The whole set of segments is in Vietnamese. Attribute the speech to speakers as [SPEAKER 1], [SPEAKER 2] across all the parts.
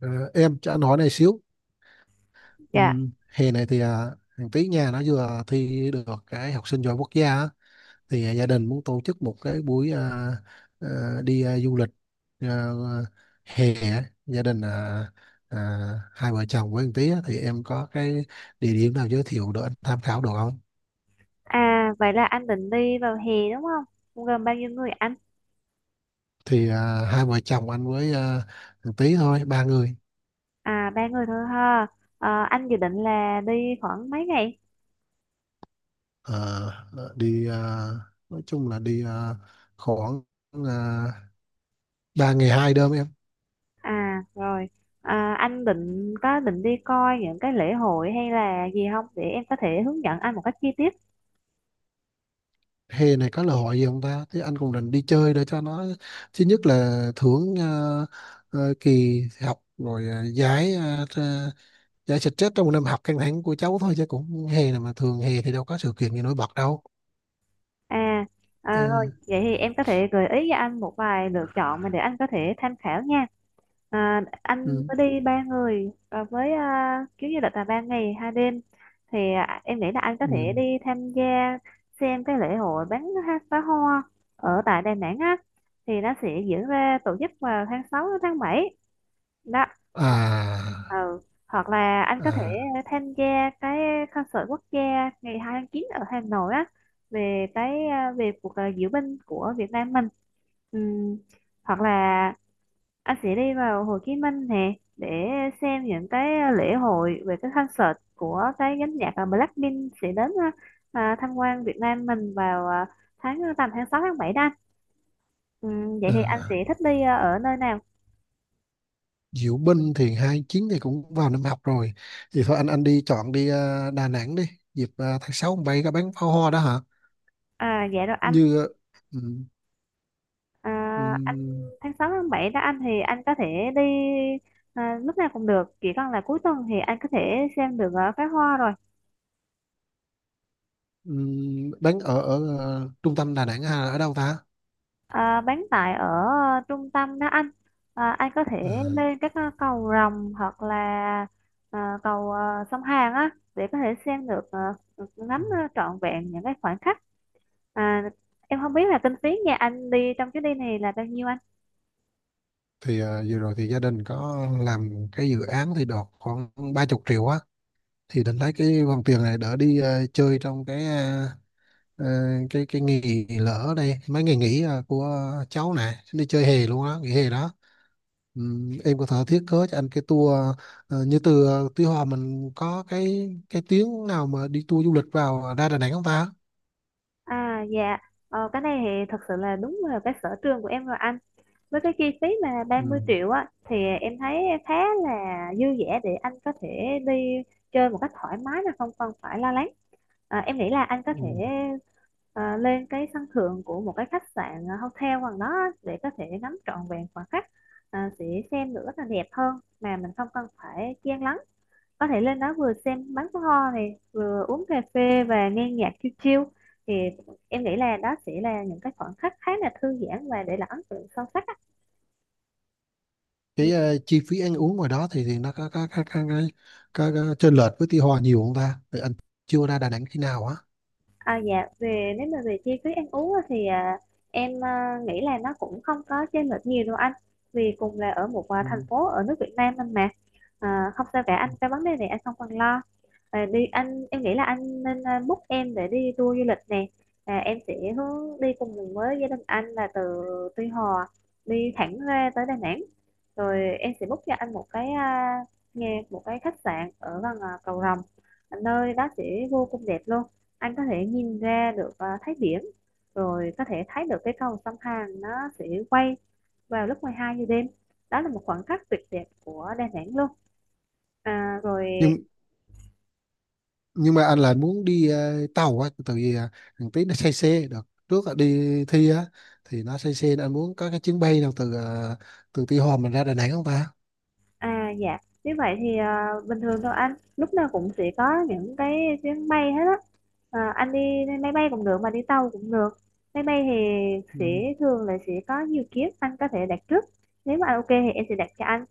[SPEAKER 1] Ờ, em cho anh hỏi này xíu.
[SPEAKER 2] Dạ,
[SPEAKER 1] ừ, Hè này thì thằng tí nhà nó vừa thi được cái học sinh giỏi quốc gia á. Thì gia đình muốn tổ chức một cái buổi à, đi du lịch à, hè á. Gia đình à, hai vợ chồng với thằng tí á, thì em có cái địa điểm nào giới thiệu để anh tham khảo được không?
[SPEAKER 2] vậy là anh định đi vào hè đúng không? Cũng gồm bao nhiêu người anh?
[SPEAKER 1] Thì hai vợ chồng anh với thằng tí thôi, 3 người.
[SPEAKER 2] À, ba người thôi ha. Ờ, anh dự định là đi khoảng mấy ngày?
[SPEAKER 1] Ờ, Đi nói chung là đi khoảng à, 3 ngày 2 đêm em.
[SPEAKER 2] À rồi, anh có định đi coi những cái lễ hội hay là gì không để em có thể hướng dẫn anh một cách chi tiết.
[SPEAKER 1] Hè này có lễ hội gì không ta? Thế anh cũng định đi chơi để cho nó thứ nhất là thưởng kỳ học rồi, giải giải stress trong một năm học căng thẳng của cháu thôi, chứ cũng hè này mà thường hè thì đâu có sự kiện gì nổi bật đâu.
[SPEAKER 2] À, à
[SPEAKER 1] Ừ,
[SPEAKER 2] rồi, vậy thì em có thể gợi ý cho anh một vài lựa chọn mà để anh có thể tham khảo nha. À, anh
[SPEAKER 1] ừ,
[SPEAKER 2] có đi ba người với chuyến du lịch là ba ngày hai đêm thì em nghĩ là anh có
[SPEAKER 1] ừ.
[SPEAKER 2] thể đi tham gia xem cái lễ hội pháo hoa ở tại Đà Nẵng á, thì nó sẽ diễn ra tổ chức vào tháng 6 đến tháng 7 đó. Hoặc-
[SPEAKER 1] À,
[SPEAKER 2] ừ. Hoặc là anh có thể
[SPEAKER 1] à,
[SPEAKER 2] tham gia cái concert quốc gia ngày 2 tháng 9 ở Hà Nội á, về cái về cuộc diễu binh của Việt Nam mình. Ừm, hoặc là anh sẽ đi vào Hồ Chí Minh nè để xem những cái lễ hội về cái concert của cái nhóm nhạc Blackpink sẽ đến tham quan Việt Nam mình vào tháng tầm tháng 6 tháng 7 đó anh. Vậy thì anh
[SPEAKER 1] à.
[SPEAKER 2] sẽ thích đi ở nơi nào?
[SPEAKER 1] Diệu Binh thì 29 thì cũng vào năm học rồi, thì thôi anh đi chọn đi Đà Nẵng đi. Dịp tháng 6 bay có bắn pháo hoa đó hả?
[SPEAKER 2] À, dạ rồi anh.
[SPEAKER 1] Như. Ừ, ừ.
[SPEAKER 2] À, anh tháng 6 tháng 7 đó anh thì anh có thể đi lúc nào cũng được, chỉ cần là cuối tuần thì anh có thể xem được pháo hoa rồi.
[SPEAKER 1] Đánh ở ở ờ, trung tâm Đà Nẵng hay là ở đâu ta?
[SPEAKER 2] À, bán tại ở trung tâm đó anh. À, anh có thể
[SPEAKER 1] Ờ,
[SPEAKER 2] lên các cầu Rồng hoặc là cầu sông Hàn á, để có thể xem được
[SPEAKER 1] ừ.
[SPEAKER 2] ngắm trọn vẹn những cái khoảnh khắc. À, em không biết là kinh phí nhà anh đi trong chuyến đi này là bao nhiêu anh.
[SPEAKER 1] Thì vừa rồi thì gia đình có làm cái dự án thì đọt khoảng 30 triệu á, thì định lấy cái vòng tiền này đỡ đi chơi trong cái ờ, ờ, cái nghỉ lỡ ở đây mấy ngày nghỉ của cháu này đi chơi hè luôn á, nghỉ hè đó. Em có thể thiết kế cho anh cái tour như từ Tuy Hòa, mình có cái tuyến nào mà đi tour du lịch vào ra Đà Nẵng không ta?
[SPEAKER 2] À dạ, ờ, cái này thì thật sự là đúng là cái sở trường của em rồi anh. Với cái chi phí mà ba mươi
[SPEAKER 1] Ừ.
[SPEAKER 2] triệu á thì em thấy khá là dư dả để anh có thể đi chơi một cách thoải mái mà không cần phải lo lắng. À, em nghĩ là anh có
[SPEAKER 1] Ừ.
[SPEAKER 2] thể lên cái sân thượng của một cái khách sạn, hotel gần đó á, để có thể ngắm trọn vẹn khoảng khắc, sẽ xem được rất là đẹp hơn mà mình không cần phải chen lấn. Có thể lên đó vừa xem bắn pháo hoa này, vừa uống cà phê và nghe nhạc chill chill, thì em nghĩ là đó sẽ là những cái khoảnh khắc khá là thư giãn và để lại ấn tượng sâu sắc á. Ừ.
[SPEAKER 1] Cái chi phí ăn uống ngoài đó thì nó có chênh lệch với Tuy Hòa nhiều không ta? Thì anh chưa ra Đà Nẵng khi nào á?
[SPEAKER 2] À dạ, về nếu mà về chi phí ăn uống á thì em nghĩ là nó cũng không có chênh lệch nhiều đâu anh, vì cùng là ở một
[SPEAKER 1] Ừ.
[SPEAKER 2] thành phố ở nước Việt Nam anh mà. À, không sao cả anh, cái vấn đề này anh không cần lo. À, đi anh, em nghĩ là anh nên book em để đi tour du lịch nè. À, em sẽ hướng đi cùng với gia đình anh là từ Tuy Hòa đi thẳng ra tới Đà Nẵng, rồi em sẽ book cho anh một cái nghe một cái khách sạn ở gần Cầu Rồng. Nơi đó sẽ vô cùng đẹp luôn. Anh có thể nhìn ra được thấy điểm, rồi có thể thấy được cái cầu sông Hàn, nó sẽ quay vào lúc 12 giờ đêm, đó là một khoảnh khắc tuyệt đẹp của Đà Nẵng luôn. À, rồi.
[SPEAKER 1] Nhưng nhưng mà anh lại muốn đi tàu á, tại vì thằng Tí nó say xe được trước là đi thi á, thì nó say xe nên anh muốn có cái chuyến bay nào từ từ Tuy Hòa mình ra Đà Nẵng không ta?
[SPEAKER 2] À dạ, như vậy thì bình thường thôi anh, lúc nào cũng sẽ có những cái chuyến bay hết á. À, anh đi máy bay cũng được mà đi tàu cũng được. Máy bay thì
[SPEAKER 1] Ừ.
[SPEAKER 2] thường là sẽ có nhiều kiếp anh có thể đặt trước, nếu mà anh ok thì em sẽ đặt cho anh.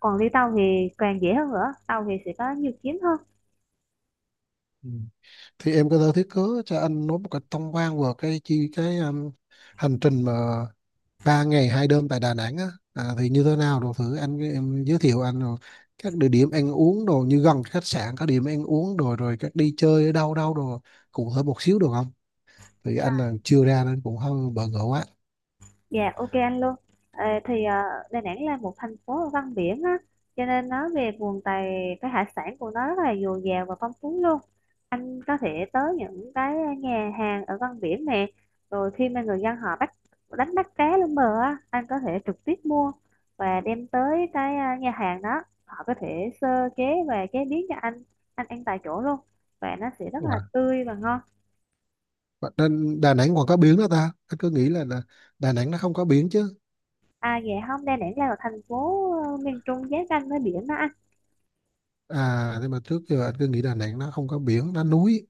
[SPEAKER 2] Còn đi tàu thì càng dễ hơn nữa, tàu thì sẽ có nhiều chuyến hơn.
[SPEAKER 1] Ừ. Thì em có thể thiết kế cho anh nói một cách tổng quan về cái hành trình mà 3 ngày 2 đêm tại Đà Nẵng á, thì như thế nào đồ, thử anh em giới thiệu anh rồi các địa điểm ăn uống đồ như gần khách sạn, các điểm ăn uống đồ rồi các đi chơi ở đâu đâu đồ, cụ thể một xíu được không? Thì anh là chưa ra nên cũng hơi bỡ ngỡ quá.
[SPEAKER 2] Dạ ok anh luôn. À, thì Đà Nẵng là một thành phố văn biển á, cho nên nói về nguồn tài, cái hải sản của nó rất là dồi dào và phong phú luôn. Anh có thể tới những cái nhà hàng ở văn biển nè, rồi khi mà người dân họ bắt, đánh bắt cá lên bờ á, anh có thể trực tiếp mua và đem tới cái nhà hàng đó, họ có thể sơ chế và chế biến cho anh ăn tại chỗ luôn, và nó sẽ rất là
[SPEAKER 1] Wow.
[SPEAKER 2] tươi và ngon.
[SPEAKER 1] Nên Đà Nẵng còn có biển đó ta, anh cứ nghĩ là Đà Nẵng nó không có biển chứ.
[SPEAKER 2] À dạ, không, Đà Nẵng là một thành phố miền Trung giáp ranh với biển đó anh.
[SPEAKER 1] À, nhưng mà trước giờ anh cứ nghĩ Đà Nẵng nó không có biển, nó núi.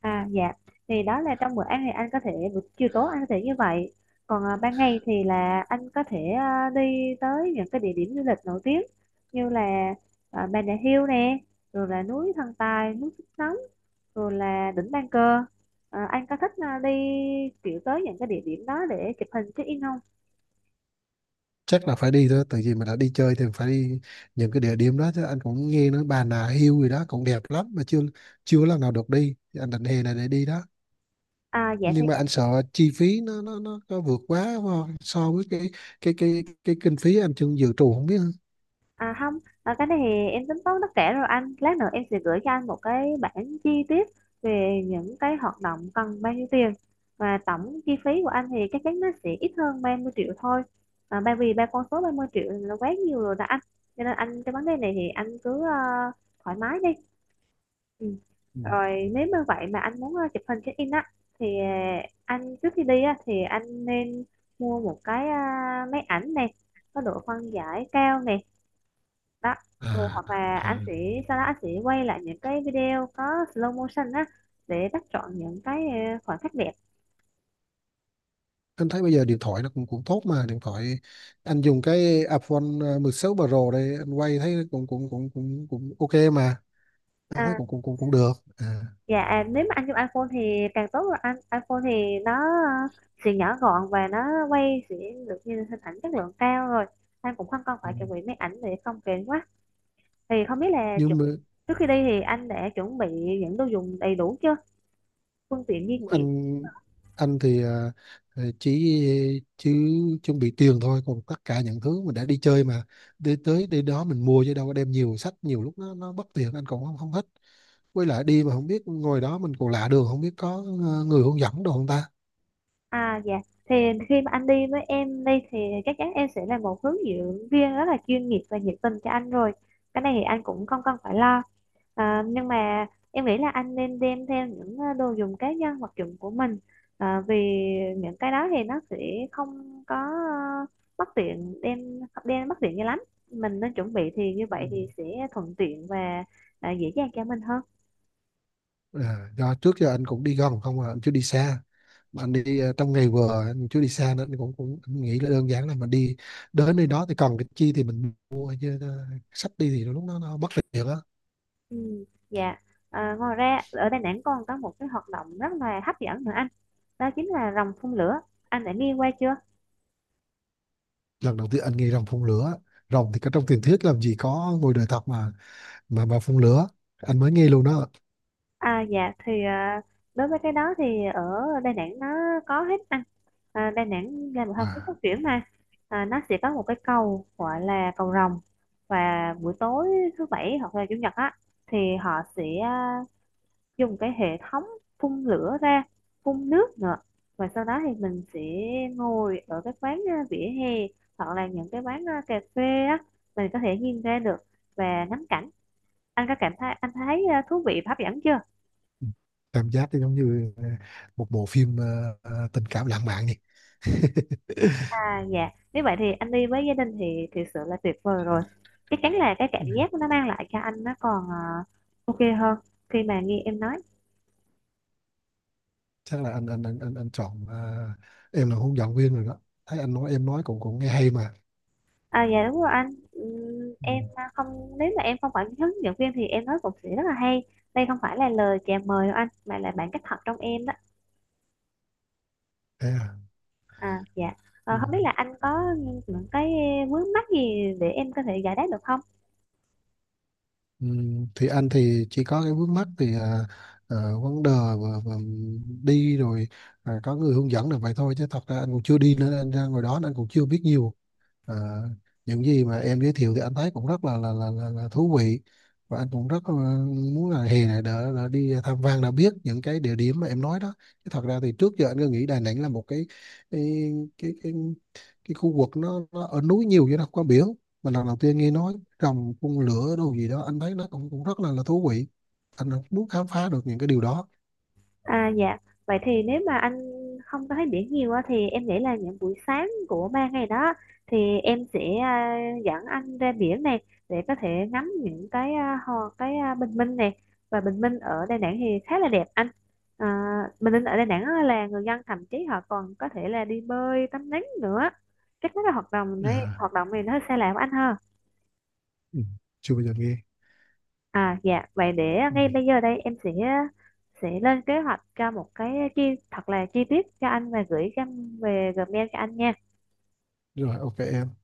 [SPEAKER 2] À dạ, thì đó là trong bữa ăn thì anh có thể buổi chiều tối anh có thể như vậy. Còn ban ngày thì là anh có thể đi tới những cái địa điểm du lịch nổi tiếng như là Bà Nà Hills nè, rồi là núi Thần Tài, núi Phúc Nóng, rồi là đỉnh Ban Cờ. À, anh có thích đi kiểu tới những cái địa điểm đó để chụp hình check in không?
[SPEAKER 1] Chắc là phải đi thôi, tại vì mình đã đi chơi thì phải đi những cái địa điểm đó chứ. Anh cũng nghe nói Bà Nà Hills gì đó cũng đẹp lắm mà chưa chưa lần nào được đi. Thì anh định hè này để đi đó,
[SPEAKER 2] À dạ thì
[SPEAKER 1] nhưng mà anh sợ chi phí nó vượt quá so so với cái kinh phí anh chưa dự trù không biết hả?
[SPEAKER 2] À không, cái này thì em tính toán tất cả rồi anh. Lát nữa em sẽ gửi cho anh một cái bảng chi tiết về những cái hoạt động cần bao nhiêu tiền. Và tổng chi phí của anh thì chắc chắn nó sẽ ít hơn 30 triệu thôi. À, bởi vì ba con số 30 triệu là quá nhiều rồi đó anh. Cho nên anh cái vấn đề này thì anh cứ thoải mái đi. Ừ.
[SPEAKER 1] Ừ.
[SPEAKER 2] Rồi nếu như vậy mà anh muốn chụp hình check-in á thì anh trước khi đi á thì anh nên mua một cái máy ảnh này có độ phân giải cao nè đó. Ừ,
[SPEAKER 1] À,
[SPEAKER 2] hoặc là
[SPEAKER 1] à.
[SPEAKER 2] anh sẽ sau đó anh sẽ quay lại những cái video có slow motion á để bắt chọn những cái khoảnh khắc đẹp.
[SPEAKER 1] Anh thấy bây giờ điện thoại nó cũng cũng tốt mà, điện thoại anh dùng cái iPhone 16 Pro đây, anh quay thấy cũng cũng cũng cũng cũng ok mà, anh thấy
[SPEAKER 2] À
[SPEAKER 1] cũng cũng cũng cũng được à.
[SPEAKER 2] dạ, nếu mà anh dùng iPhone thì càng tốt rồi anh, iPhone thì nó sẽ nhỏ gọn và nó quay sẽ được như hình ảnh chất lượng cao rồi, anh cũng không cần
[SPEAKER 1] Ừ.
[SPEAKER 2] phải chuẩn bị máy ảnh để không kén quá. Thì không biết là
[SPEAKER 1] Nhưng mà
[SPEAKER 2] trước khi đi thì anh đã chuẩn bị những đồ dùng đầy đủ chưa, phương tiện di chuyển.
[SPEAKER 1] anh anh thì ờ, chỉ chỉ chuẩn bị tiền thôi, còn tất cả những thứ mình đã đi chơi mà đi tới đi đó mình mua chứ đâu có đem nhiều sách, nhiều lúc nó bất tiện anh cũng không không thích. Với lại đi mà không biết ngồi đó mình còn lạ đường, không biết có người hướng dẫn đồ không ta?
[SPEAKER 2] À dạ, thì khi mà anh đi với em đi thì chắc chắn em sẽ là một hướng dẫn viên rất là chuyên nghiệp và nhiệt tình cho anh rồi. Cái này thì anh cũng không cần phải lo. À, nhưng mà em nghĩ là anh nên đem theo những đồ dùng cá nhân, vật dụng của mình. À, vì những cái đó thì nó sẽ không có bất tiện đem, đem bất tiện cho lắm. Mình nên chuẩn bị thì như
[SPEAKER 1] Ừ.
[SPEAKER 2] vậy thì sẽ thuận tiện và dễ dàng cho mình hơn.
[SPEAKER 1] À, do trước giờ anh cũng đi gần không à, anh chưa đi xa, mà anh đi trong ngày vừa, anh chưa đi xa nên anh cũng cũng anh nghĩ là đơn giản là mình đi đến nơi đó thì cần cái chi thì mình mua chứ, sách đi thì lúc đó nó bất tiện á.
[SPEAKER 2] Ừ, dạ. À, ngoài ra ở Đà Nẵng còn có một cái hoạt động rất là hấp dẫn nữa anh, đó chính là rồng phun lửa, anh đã nghe qua chưa?
[SPEAKER 1] Lần đầu tiên anh nghe rồng phun lửa, rồng thì có trong truyền thuyết làm gì có ngoài đời thật mà, mà phun lửa anh mới nghe luôn đó.
[SPEAKER 2] À dạ thì đối với cái đó thì ở Đà Nẵng nó có hết anh. À, Đà Nẵng là một thành phố phát
[SPEAKER 1] Wow.
[SPEAKER 2] triển mà. À, nó sẽ có một cái cầu gọi là cầu rồng, và buổi tối thứ bảy hoặc là chủ nhật á thì họ sẽ dùng cái hệ thống phun lửa ra, phun nước nữa, và sau đó thì mình sẽ ngồi ở cái quán vỉa hè hoặc là những cái quán cà phê á, mình có thể nhìn ra được và ngắm cảnh. Anh có cảm thấy anh thấy thú vị và hấp dẫn chưa?
[SPEAKER 1] Cảm giác thì giống như một bộ phim tình cảm lãng mạn nhỉ.
[SPEAKER 2] À dạ, nếu vậy thì anh đi với gia đình thì thực sự là tuyệt vời rồi. Chắc chắn là cái cảm
[SPEAKER 1] Ừ.
[SPEAKER 2] giác nó mang lại cho anh nó còn ok hơn khi mà nghe em nói.
[SPEAKER 1] Chắc là anh chọn em là hướng dẫn viên rồi đó, thấy anh nói em nói cũng cũng nghe hay mà.
[SPEAKER 2] À dạ đúng rồi anh.
[SPEAKER 1] Ừ.
[SPEAKER 2] Em không, nếu mà em không phải hướng dẫn viên thì em nói cũng sẽ rất là hay. Đây không phải là lời chào mời đâu anh, mà là bản cách thật trong em đó.
[SPEAKER 1] Thế à?
[SPEAKER 2] À dạ.
[SPEAKER 1] Ừ.
[SPEAKER 2] Ờ, không biết là anh có những cái vướng mắc gì để em có thể giải đáp được không?
[SPEAKER 1] Thì anh thì chỉ có cái vướng mắc thì vấn đề và đi rồi, có người hướng dẫn là vậy thôi chứ thật ra anh cũng chưa đi nữa, anh ra ngồi đó nên anh cũng chưa biết nhiều. à, những gì mà em giới thiệu thì anh thấy cũng rất là thú vị, và anh cũng rất là muốn là hè này đã đi tham quan đã biết những cái địa điểm mà em nói đó. Chứ thật ra thì trước giờ anh cứ nghĩ Đà Nẵng là một cái cái cái khu vực nó ở núi nhiều chứ nó không có biển, mà lần đầu tiên nghe nói trồng phun lửa đâu gì đó anh thấy nó cũng cũng rất là thú vị, anh muốn khám phá được những cái điều đó.
[SPEAKER 2] À dạ, vậy thì nếu mà anh không có thấy biển nhiều á, thì em nghĩ là những buổi sáng của ba ngày đó thì em sẽ dẫn anh ra biển này để có thể ngắm những cái bình minh này, và bình minh ở Đà Nẵng thì khá là đẹp anh. À, bình minh ở Đà Nẵng á là người dân thậm chí họ còn có thể là đi bơi, tắm nắng nữa. Các cái hoạt động này
[SPEAKER 1] À,
[SPEAKER 2] hoạt động này nó hơi xa lạ với anh ha.
[SPEAKER 1] ừ. Chưa bao giờ nghe.
[SPEAKER 2] À dạ, vậy để
[SPEAKER 1] Ừ.
[SPEAKER 2] ngay bây giờ đây em sẽ lên kế hoạch cho một cái chi thật là chi tiết cho anh và gửi cho anh về Gmail cho anh nha.
[SPEAKER 1] Rồi, ok em.